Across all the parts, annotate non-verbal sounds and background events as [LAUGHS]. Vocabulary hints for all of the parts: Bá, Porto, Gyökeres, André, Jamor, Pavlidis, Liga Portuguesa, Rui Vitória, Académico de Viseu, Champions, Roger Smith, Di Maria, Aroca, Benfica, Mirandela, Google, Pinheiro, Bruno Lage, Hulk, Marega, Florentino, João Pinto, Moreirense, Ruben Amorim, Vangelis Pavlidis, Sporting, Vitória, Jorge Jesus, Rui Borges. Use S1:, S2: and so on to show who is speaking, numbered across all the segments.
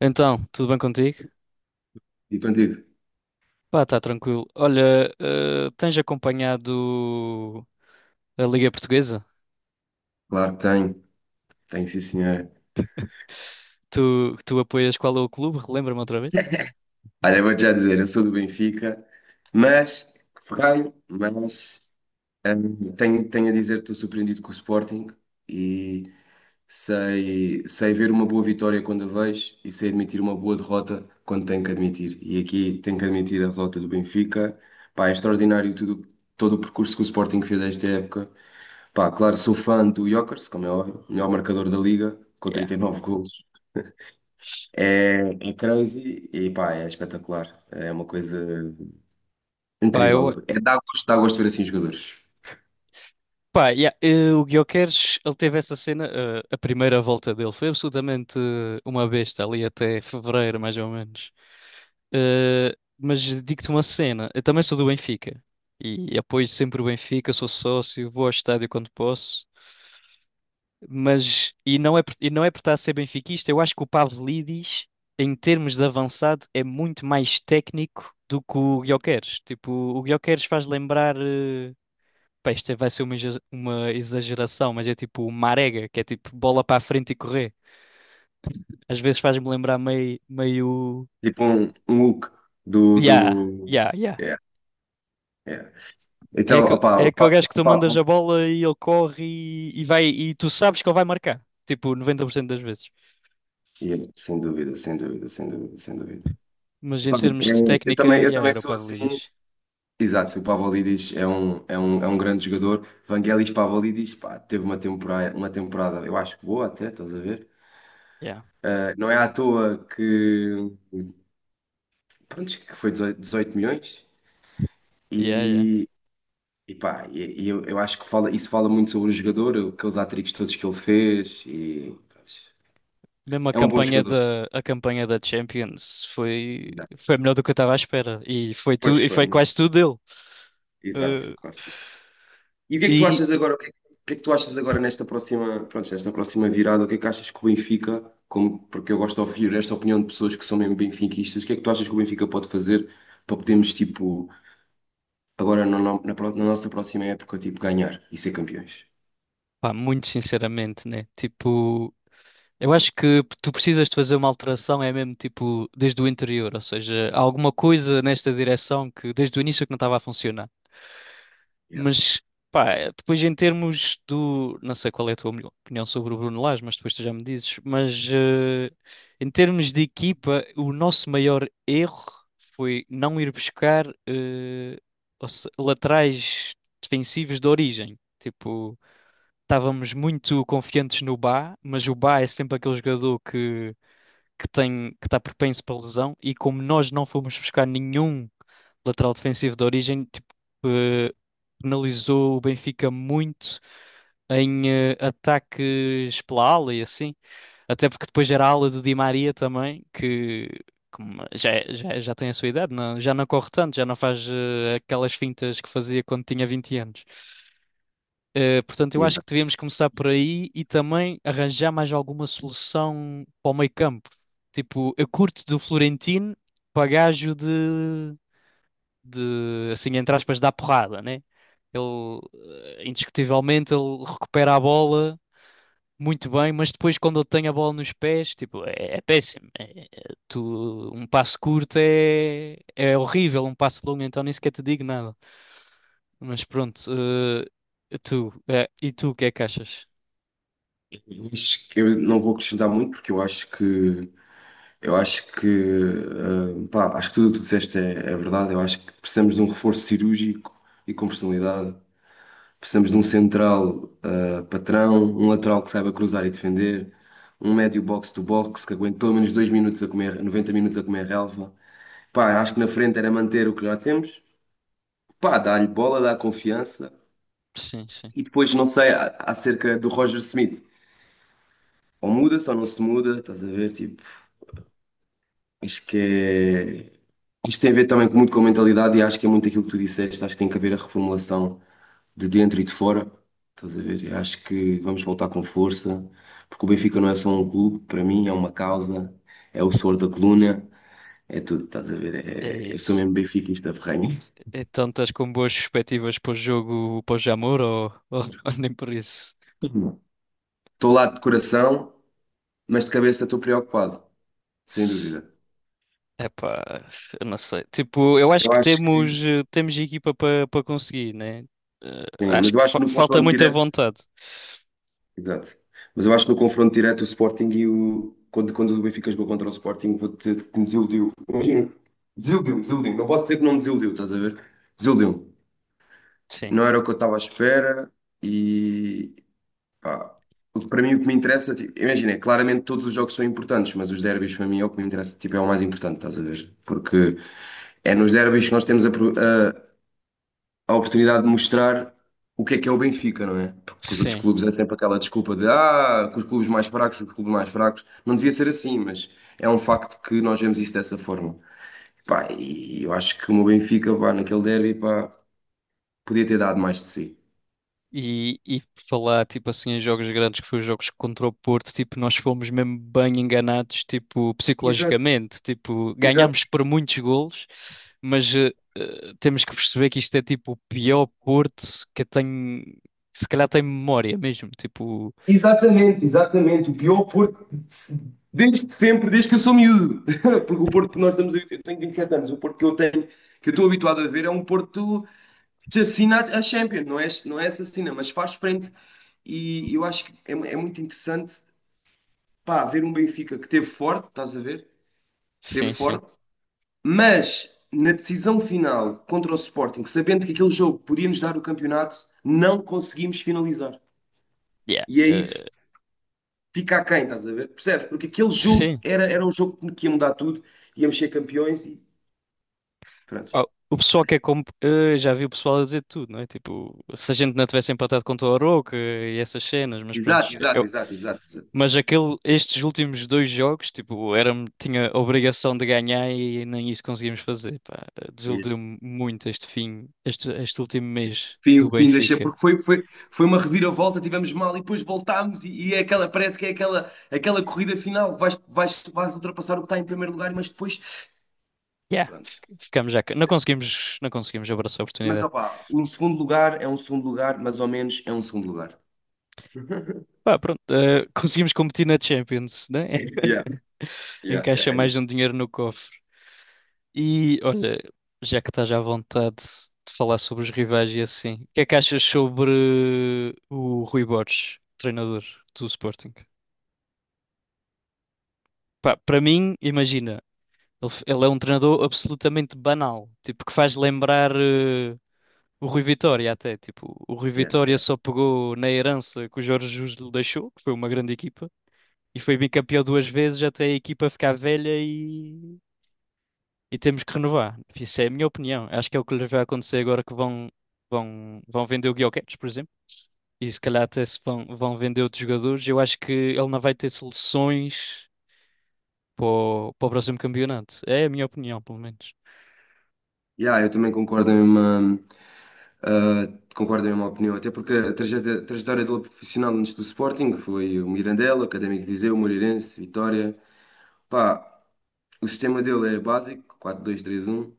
S1: Então, tudo bem contigo?
S2: E contigo?
S1: Pá, tá tranquilo. Olha, tens acompanhado a Liga Portuguesa?
S2: Claro que tenho, tenho sim senhora.
S1: Tu apoias qual é o clube? Relembra-me outra vez.
S2: Olha, vou-te já dizer, eu sou do Benfica, mas, ferrei, mas tenho a dizer que estou surpreendido com o Sporting e sei ver uma boa vitória quando a vejo e sei admitir uma boa derrota quando tenho que admitir. E aqui tenho que admitir a derrota do Benfica. Pá, é extraordinário tudo, todo o percurso que o Sporting fez esta época. Pá, claro, sou fã do Gyökeres, como é óbvio, melhor marcador da Liga, com
S1: Yeah.
S2: 39 golos. É crazy e pá, é espetacular. É uma coisa
S1: Pá, eu,
S2: incrível. É dá gosto de ver assim jogadores.
S1: Pá, yeah, o Gyökeres, ele teve essa cena, a primeira volta dele foi absolutamente uma besta ali até fevereiro, mais ou menos. Mas digo-te uma cena, eu também sou do Benfica e apoio sempre o Benfica, sou sócio, vou ao estádio quando posso, mas e não é por estar a ser benfiquista, eu acho que o Pavlidis, em termos de avançado, é muito mais técnico do que o Gyökeres. Tipo, o Gyökeres faz lembrar. Pá, isto vai ser uma exageração, mas é tipo marega, que é tipo bola para a frente e correr. Às vezes faz-me lembrar meio,
S2: Tipo um Hulk do,
S1: yeah,
S2: do...
S1: yeah, yeah.
S2: É, é.
S1: É,
S2: Então, opá,
S1: é aquele
S2: opá,
S1: gajo que tu mandas
S2: opá.
S1: a bola e ele corre e vai, e tu sabes que ele vai marcar, tipo 90% das vezes.
S2: Yeah, sem dúvida, sem dúvida, sem dúvida, sem dúvida.
S1: Mas em
S2: Opá,
S1: termos de
S2: eu, eu
S1: técnica,
S2: também, eu
S1: yeah,
S2: também
S1: era o
S2: sou assim.
S1: Pavlidis.
S2: Exato, o Pavlidis é um grande jogador. Vangelis Pavlidis, pá, teve uma temporada, eu acho que boa até, estás a ver?
S1: Yeah,
S2: Não é à toa que, pronto, que foi 18 18 milhões.
S1: yeah, yeah.
S2: E E pá, e eu acho que fala, isso fala muito sobre o jogador, aqueles hat-tricks todos que ele fez. E, pá,
S1: Mesmo
S2: é um bom jogador.
S1: a campanha da Champions foi,
S2: Exato.
S1: foi melhor do que eu estava à espera. E foi
S2: Pois
S1: tudo, e
S2: foi,
S1: foi
S2: muito.
S1: quase tudo dele.
S2: Exato, foi
S1: Eh,
S2: quase. E o que é que tu
S1: e,
S2: achas agora? O que é que tu achas agora nesta próxima, pronto, nesta próxima virada? O que é que achas que o Benfica, como, porque eu gosto de ouvir esta opinião de pessoas que são mesmo benfiquistas, o que é que tu achas que o Benfica pode fazer para podermos, tipo, agora na, no- na, pro- na nossa próxima época, tipo, ganhar e ser campeões?
S1: Pá, muito sinceramente, né? Tipo, eu acho que tu precisas de fazer uma alteração, é mesmo tipo desde o interior, ou seja, há alguma coisa nesta direção que desde o início que não estava a funcionar.
S2: Yeah.
S1: Mas, pá, depois em termos do. Não sei qual é a tua opinião sobre o Bruno Lage, mas depois tu já me dizes. Mas em termos de equipa, o nosso maior erro foi não ir buscar ou se- laterais defensivos de origem. Tipo estávamos muito confiantes no Bá, mas o Bá é sempre aquele jogador que tem, que está propenso para lesão, e como nós não fomos buscar nenhum lateral defensivo de origem, tipo, eh, penalizou o Benfica muito em ataques pela ala e assim. Até porque depois era a ala do Di Maria também, que como já tem a sua idade, já não corre tanto, já não faz aquelas fintas que fazia quando tinha 20 anos. Portanto, eu acho que
S2: Exato.
S1: devíamos começar por aí e também arranjar mais alguma solução para o meio campo. Tipo, eu curto do Florentino para gajo de, assim, entre aspas, dar porrada, né? Ele, indiscutivelmente, ele recupera a bola muito bem, mas depois quando ele tem a bola nos pés, tipo, é péssimo. Tu, um passo curto é horrível, um passo longo, então nem sequer te digo nada. Mas pronto, e tu, o que é que achas?
S2: Eu acho que eu não vou acrescentar muito porque eu acho que, pá, acho que tudo o que tu disseste é, é verdade. Eu acho que precisamos de um reforço cirúrgico e com personalidade. Precisamos de um central, patrão, um lateral que saiba cruzar e defender, um médio box-to-box que aguente pelo menos 2 minutos a comer, 90 minutos a comer relva. Pá, acho que na frente era manter o que já temos. Pá, dá-lhe bola, dá confiança.
S1: Sim, sim.
S2: E depois, não sei, acerca do Roger Smith. Ou muda-se ou não se muda, estás a ver? Tipo, acho que é... Isto tem a ver também muito com a mentalidade e acho que é muito aquilo que tu disseste. Acho que tem que haver a reformulação de dentro e de fora. Estás a ver? Eu acho que vamos voltar com força, porque o Benfica não é só um clube, para mim é uma causa, é o suor da coluna, é tudo, estás a ver?
S1: É
S2: É... Eu sou
S1: isso.
S2: mesmo benfiquista ferrenho.
S1: Então estás com boas perspectivas para o jogo, para o Jamor ou, [LAUGHS] ou nem por isso?
S2: [LAUGHS] Estou lá de coração, mas de cabeça estou preocupado, sem dúvida.
S1: Epá, eu não sei. Tipo, eu acho
S2: Eu
S1: que
S2: acho
S1: temos,
S2: que.
S1: temos equipa para conseguir, né?
S2: Sim,
S1: Acho
S2: mas eu
S1: que
S2: acho que no
S1: falta
S2: confronto
S1: muita
S2: direto.
S1: vontade.
S2: Exato. Mas eu acho que no confronto direto o Sporting e o. Quando, quando o Benfica jogou contra o Sporting, vou dizer que me desiludiu. Imagina, desiludiu, desiludiu. Não posso dizer que não me desiludiu, estás a ver? Desiludiu.
S1: Sim,
S2: Não era o que eu estava à espera e. Pá, para mim o que me interessa, tipo, imagina, é, claramente todos os jogos são importantes, mas os derbys para mim é o que me interessa, tipo, é o mais importante, estás a ver? Porque é nos derbys que nós temos a oportunidade de mostrar o que é o Benfica, não é? Porque com os outros
S1: sim.
S2: clubes é sempre aquela desculpa de ah, com os clubes mais fracos, os clubes mais fracos. Não devia ser assim, mas é um facto que nós vemos isso dessa forma. Pá, e eu acho que o meu Benfica, pá, naquele derby, pá, podia ter dado mais de si.
S1: E falar, tipo assim, em jogos grandes, que foi os jogos contra o Porto, tipo, nós fomos mesmo bem enganados, tipo,
S2: Exato,
S1: psicologicamente, tipo,
S2: exato.
S1: ganhámos por muitos golos, mas temos que perceber que isto é, tipo, o pior Porto que eu tenho, se calhar tem memória mesmo, tipo,
S2: Exatamente, exatamente. O pior Porto desde sempre, desde que eu sou miúdo. [LAUGHS] Porque o Porto que nós estamos a eu tenho 27 anos, o Porto que eu tenho, que eu estou habituado a ver, é um Porto te assina a Champions, não é, não é assassina, mas faz frente. E eu acho que é, é muito interessante, pá, ver um Benfica que teve forte, estás a ver? Teve
S1: sim, sim.
S2: forte, mas na decisão final contra o Sporting, sabendo que aquele jogo podia nos dar o campeonato, não conseguimos finalizar.
S1: Yeah.
S2: E é isso que fica aquém, estás a ver? Percebes? Porque aquele jogo
S1: Sim.
S2: era um jogo que ia mudar tudo, íamos ser campeões e pronto.
S1: Ah, o pessoal que é como. Já vi o pessoal a dizer tudo, não é? Tipo, se a gente não tivesse empatado contra o Aroca e essas cenas, mas pronto.
S2: Exato, exato,
S1: Eu,
S2: exato, exato, exato.
S1: mas aquele, estes últimos dois jogos, tipo, era, tinha a obrigação de ganhar e nem isso conseguimos fazer, pá. Desiludiu-me muito este fim, este último mês
S2: Fim,
S1: do
S2: o fim deixei,
S1: Benfica.
S2: porque foi uma reviravolta, tivemos mal e depois voltámos e é aquela, parece que é aquela corrida final, vais ultrapassar o que está em primeiro lugar, mas depois,
S1: Yeah,
S2: pronto.
S1: ficamos já. Não conseguimos abraçar a
S2: Mas
S1: oportunidade.
S2: opá, um segundo lugar é um segundo lugar, mais ou menos é um segundo lugar. [LAUGHS]
S1: Pá, pronto, eh, [LAUGHS] conseguimos competir na Champions, né?
S2: Yeah,
S1: [LAUGHS]
S2: yeah, yeah,
S1: Encaixa
S2: é
S1: mais um
S2: isso.
S1: dinheiro no cofre. E olha, já que estás à vontade de falar sobre os rivais e assim, o que é que achas sobre o Rui Borges, treinador do Sporting? Pá, para mim, imagina, ele é um treinador absolutamente banal, tipo que faz
S2: Yeah,
S1: lembrar o Rui Vitória até, tipo, o Rui
S2: yeah.
S1: Vitória
S2: Yeah,
S1: só pegou na herança que o Jorge Jesus lhe deixou, que foi uma grande equipa, e foi bicampeão duas vezes até a equipa ficar velha e temos que renovar. Isso é a minha opinião. Acho que é o que lhes vai acontecer agora que vão vender o Gyökeres, por exemplo. E se calhar até se vão, vão vender outros jogadores. Eu acho que ele não vai ter soluções para para o próximo campeonato. É a minha opinião, pelo menos.
S2: yeah, eu também concordo em uma opinião, até porque a trajetória dele profissional antes do Sporting foi o Mirandela, o Académico de Viseu, o Moreirense, Vitória. Pá, o sistema dele é básico, 4-2-3-1.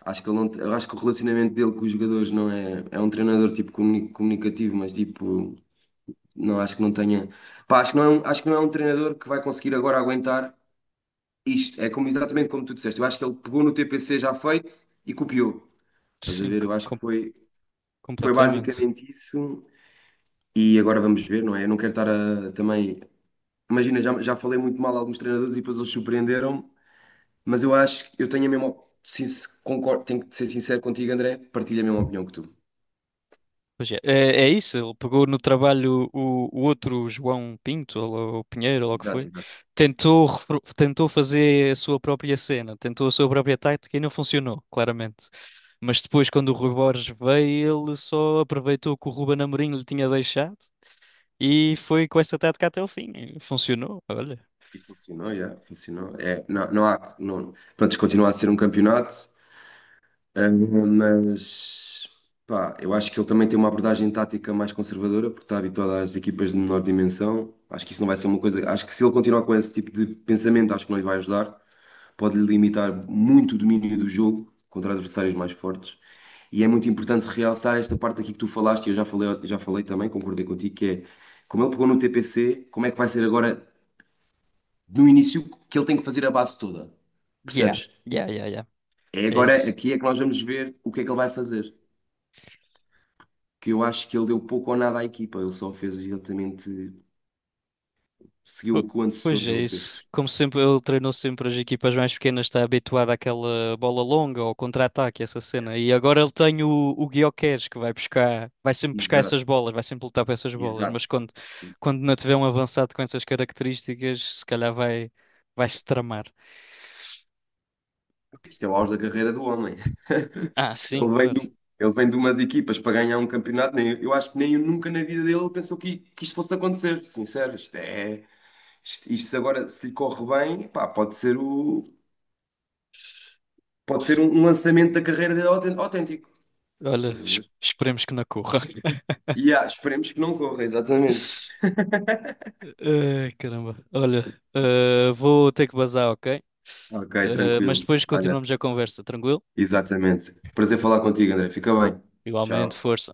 S2: Acho que, ele não, eu acho que o relacionamento dele com os jogadores não é. É um treinador tipo comunicativo, mas tipo, não acho que não tenha. Pá, acho que não é um, acho que não é um, treinador que vai conseguir agora aguentar isto. É como, exatamente como tu disseste. Eu acho que ele pegou no TPC já feito e copiou. Estás a
S1: Sim,
S2: ver? Eu acho que foi
S1: completamente.
S2: basicamente isso. E agora vamos ver, não é? Eu não quero estar a, também. Imagina, já falei muito mal a alguns treinadores e depois eles surpreenderam-me. Mas eu acho que eu tenho a mesma. Sim, se concordo, tenho que ser sincero contigo, André, partilho a mesma opinião que tu.
S1: Pois é, é, é isso, ele pegou no trabalho o outro João Pinto, ou lá o Pinheiro, ou lá o que
S2: Exato,
S1: foi,
S2: exato.
S1: tentou fazer a sua própria cena, tentou a sua própria tática e não funcionou, claramente. Mas depois, quando o Rui Borges veio, ele só aproveitou que o Ruben Amorim lhe tinha deixado e foi com essa tática até o fim. E funcionou, olha.
S2: E funcionou, já, funcionou. É, não, não há. Não, pronto, isto continua a ser um campeonato, ah, mas. Pá, eu acho que ele também tem uma abordagem tática mais conservadora, porque está habituado às equipas de menor dimensão. Acho que isso não vai ser uma coisa. Acho que se ele continuar com esse tipo de pensamento, acho que não lhe vai ajudar. Pode lhe limitar muito o domínio do jogo contra adversários mais fortes. E é muito importante realçar esta parte aqui que tu falaste, e eu já falei também, concordei contigo, que é como ele pegou no TPC, como é que vai ser agora no início que ele tem que fazer a base toda?
S1: Yeah,
S2: Percebes?
S1: yeah, yeah, yeah.
S2: É
S1: É
S2: agora
S1: isso.
S2: aqui é que nós vamos ver o que é que ele vai fazer. Que eu acho que ele deu pouco ou nada à equipa, ele só fez exatamente, seguiu
S1: Po-
S2: o que o
S1: Pois
S2: antecessor
S1: é
S2: dele fez.
S1: isso. Como sempre, ele treinou sempre as equipas mais pequenas, está habituado àquela bola longa ou contra-ataque, essa cena. E agora ele tem o Gyökeres que vai buscar, vai sempre buscar essas
S2: Exato,
S1: bolas, vai sempre lutar para essas bolas.
S2: exato.
S1: Quando não tiver um avançado com essas características, se calhar vai, vai se tramar.
S2: Isto é o auge da carreira do homem.
S1: Ah, sim,
S2: Ele vem
S1: claro.
S2: de umas equipas para ganhar um campeonato. Nem, eu acho que nem nunca na vida dele pensou que isto fosse acontecer. Sincero, isto é. Isto agora, se lhe corre bem, pá, pode ser o, pode ser
S1: Se-
S2: um, um lançamento da carreira dele autêntico.
S1: Olha,
S2: Estás a ver?
S1: esperemos que não corra.
S2: E ah, esperemos que não corra, exatamente.
S1: [LAUGHS] Ai, caramba. Olha, eh, vou ter que bazar, ok?
S2: Ok,
S1: Eh, mas
S2: tranquilo.
S1: depois
S2: Olha,
S1: continuamos a conversa, tranquilo?
S2: exatamente. Prazer falar contigo, André. Fica bem.
S1: Igualmente,
S2: Tchau.
S1: força.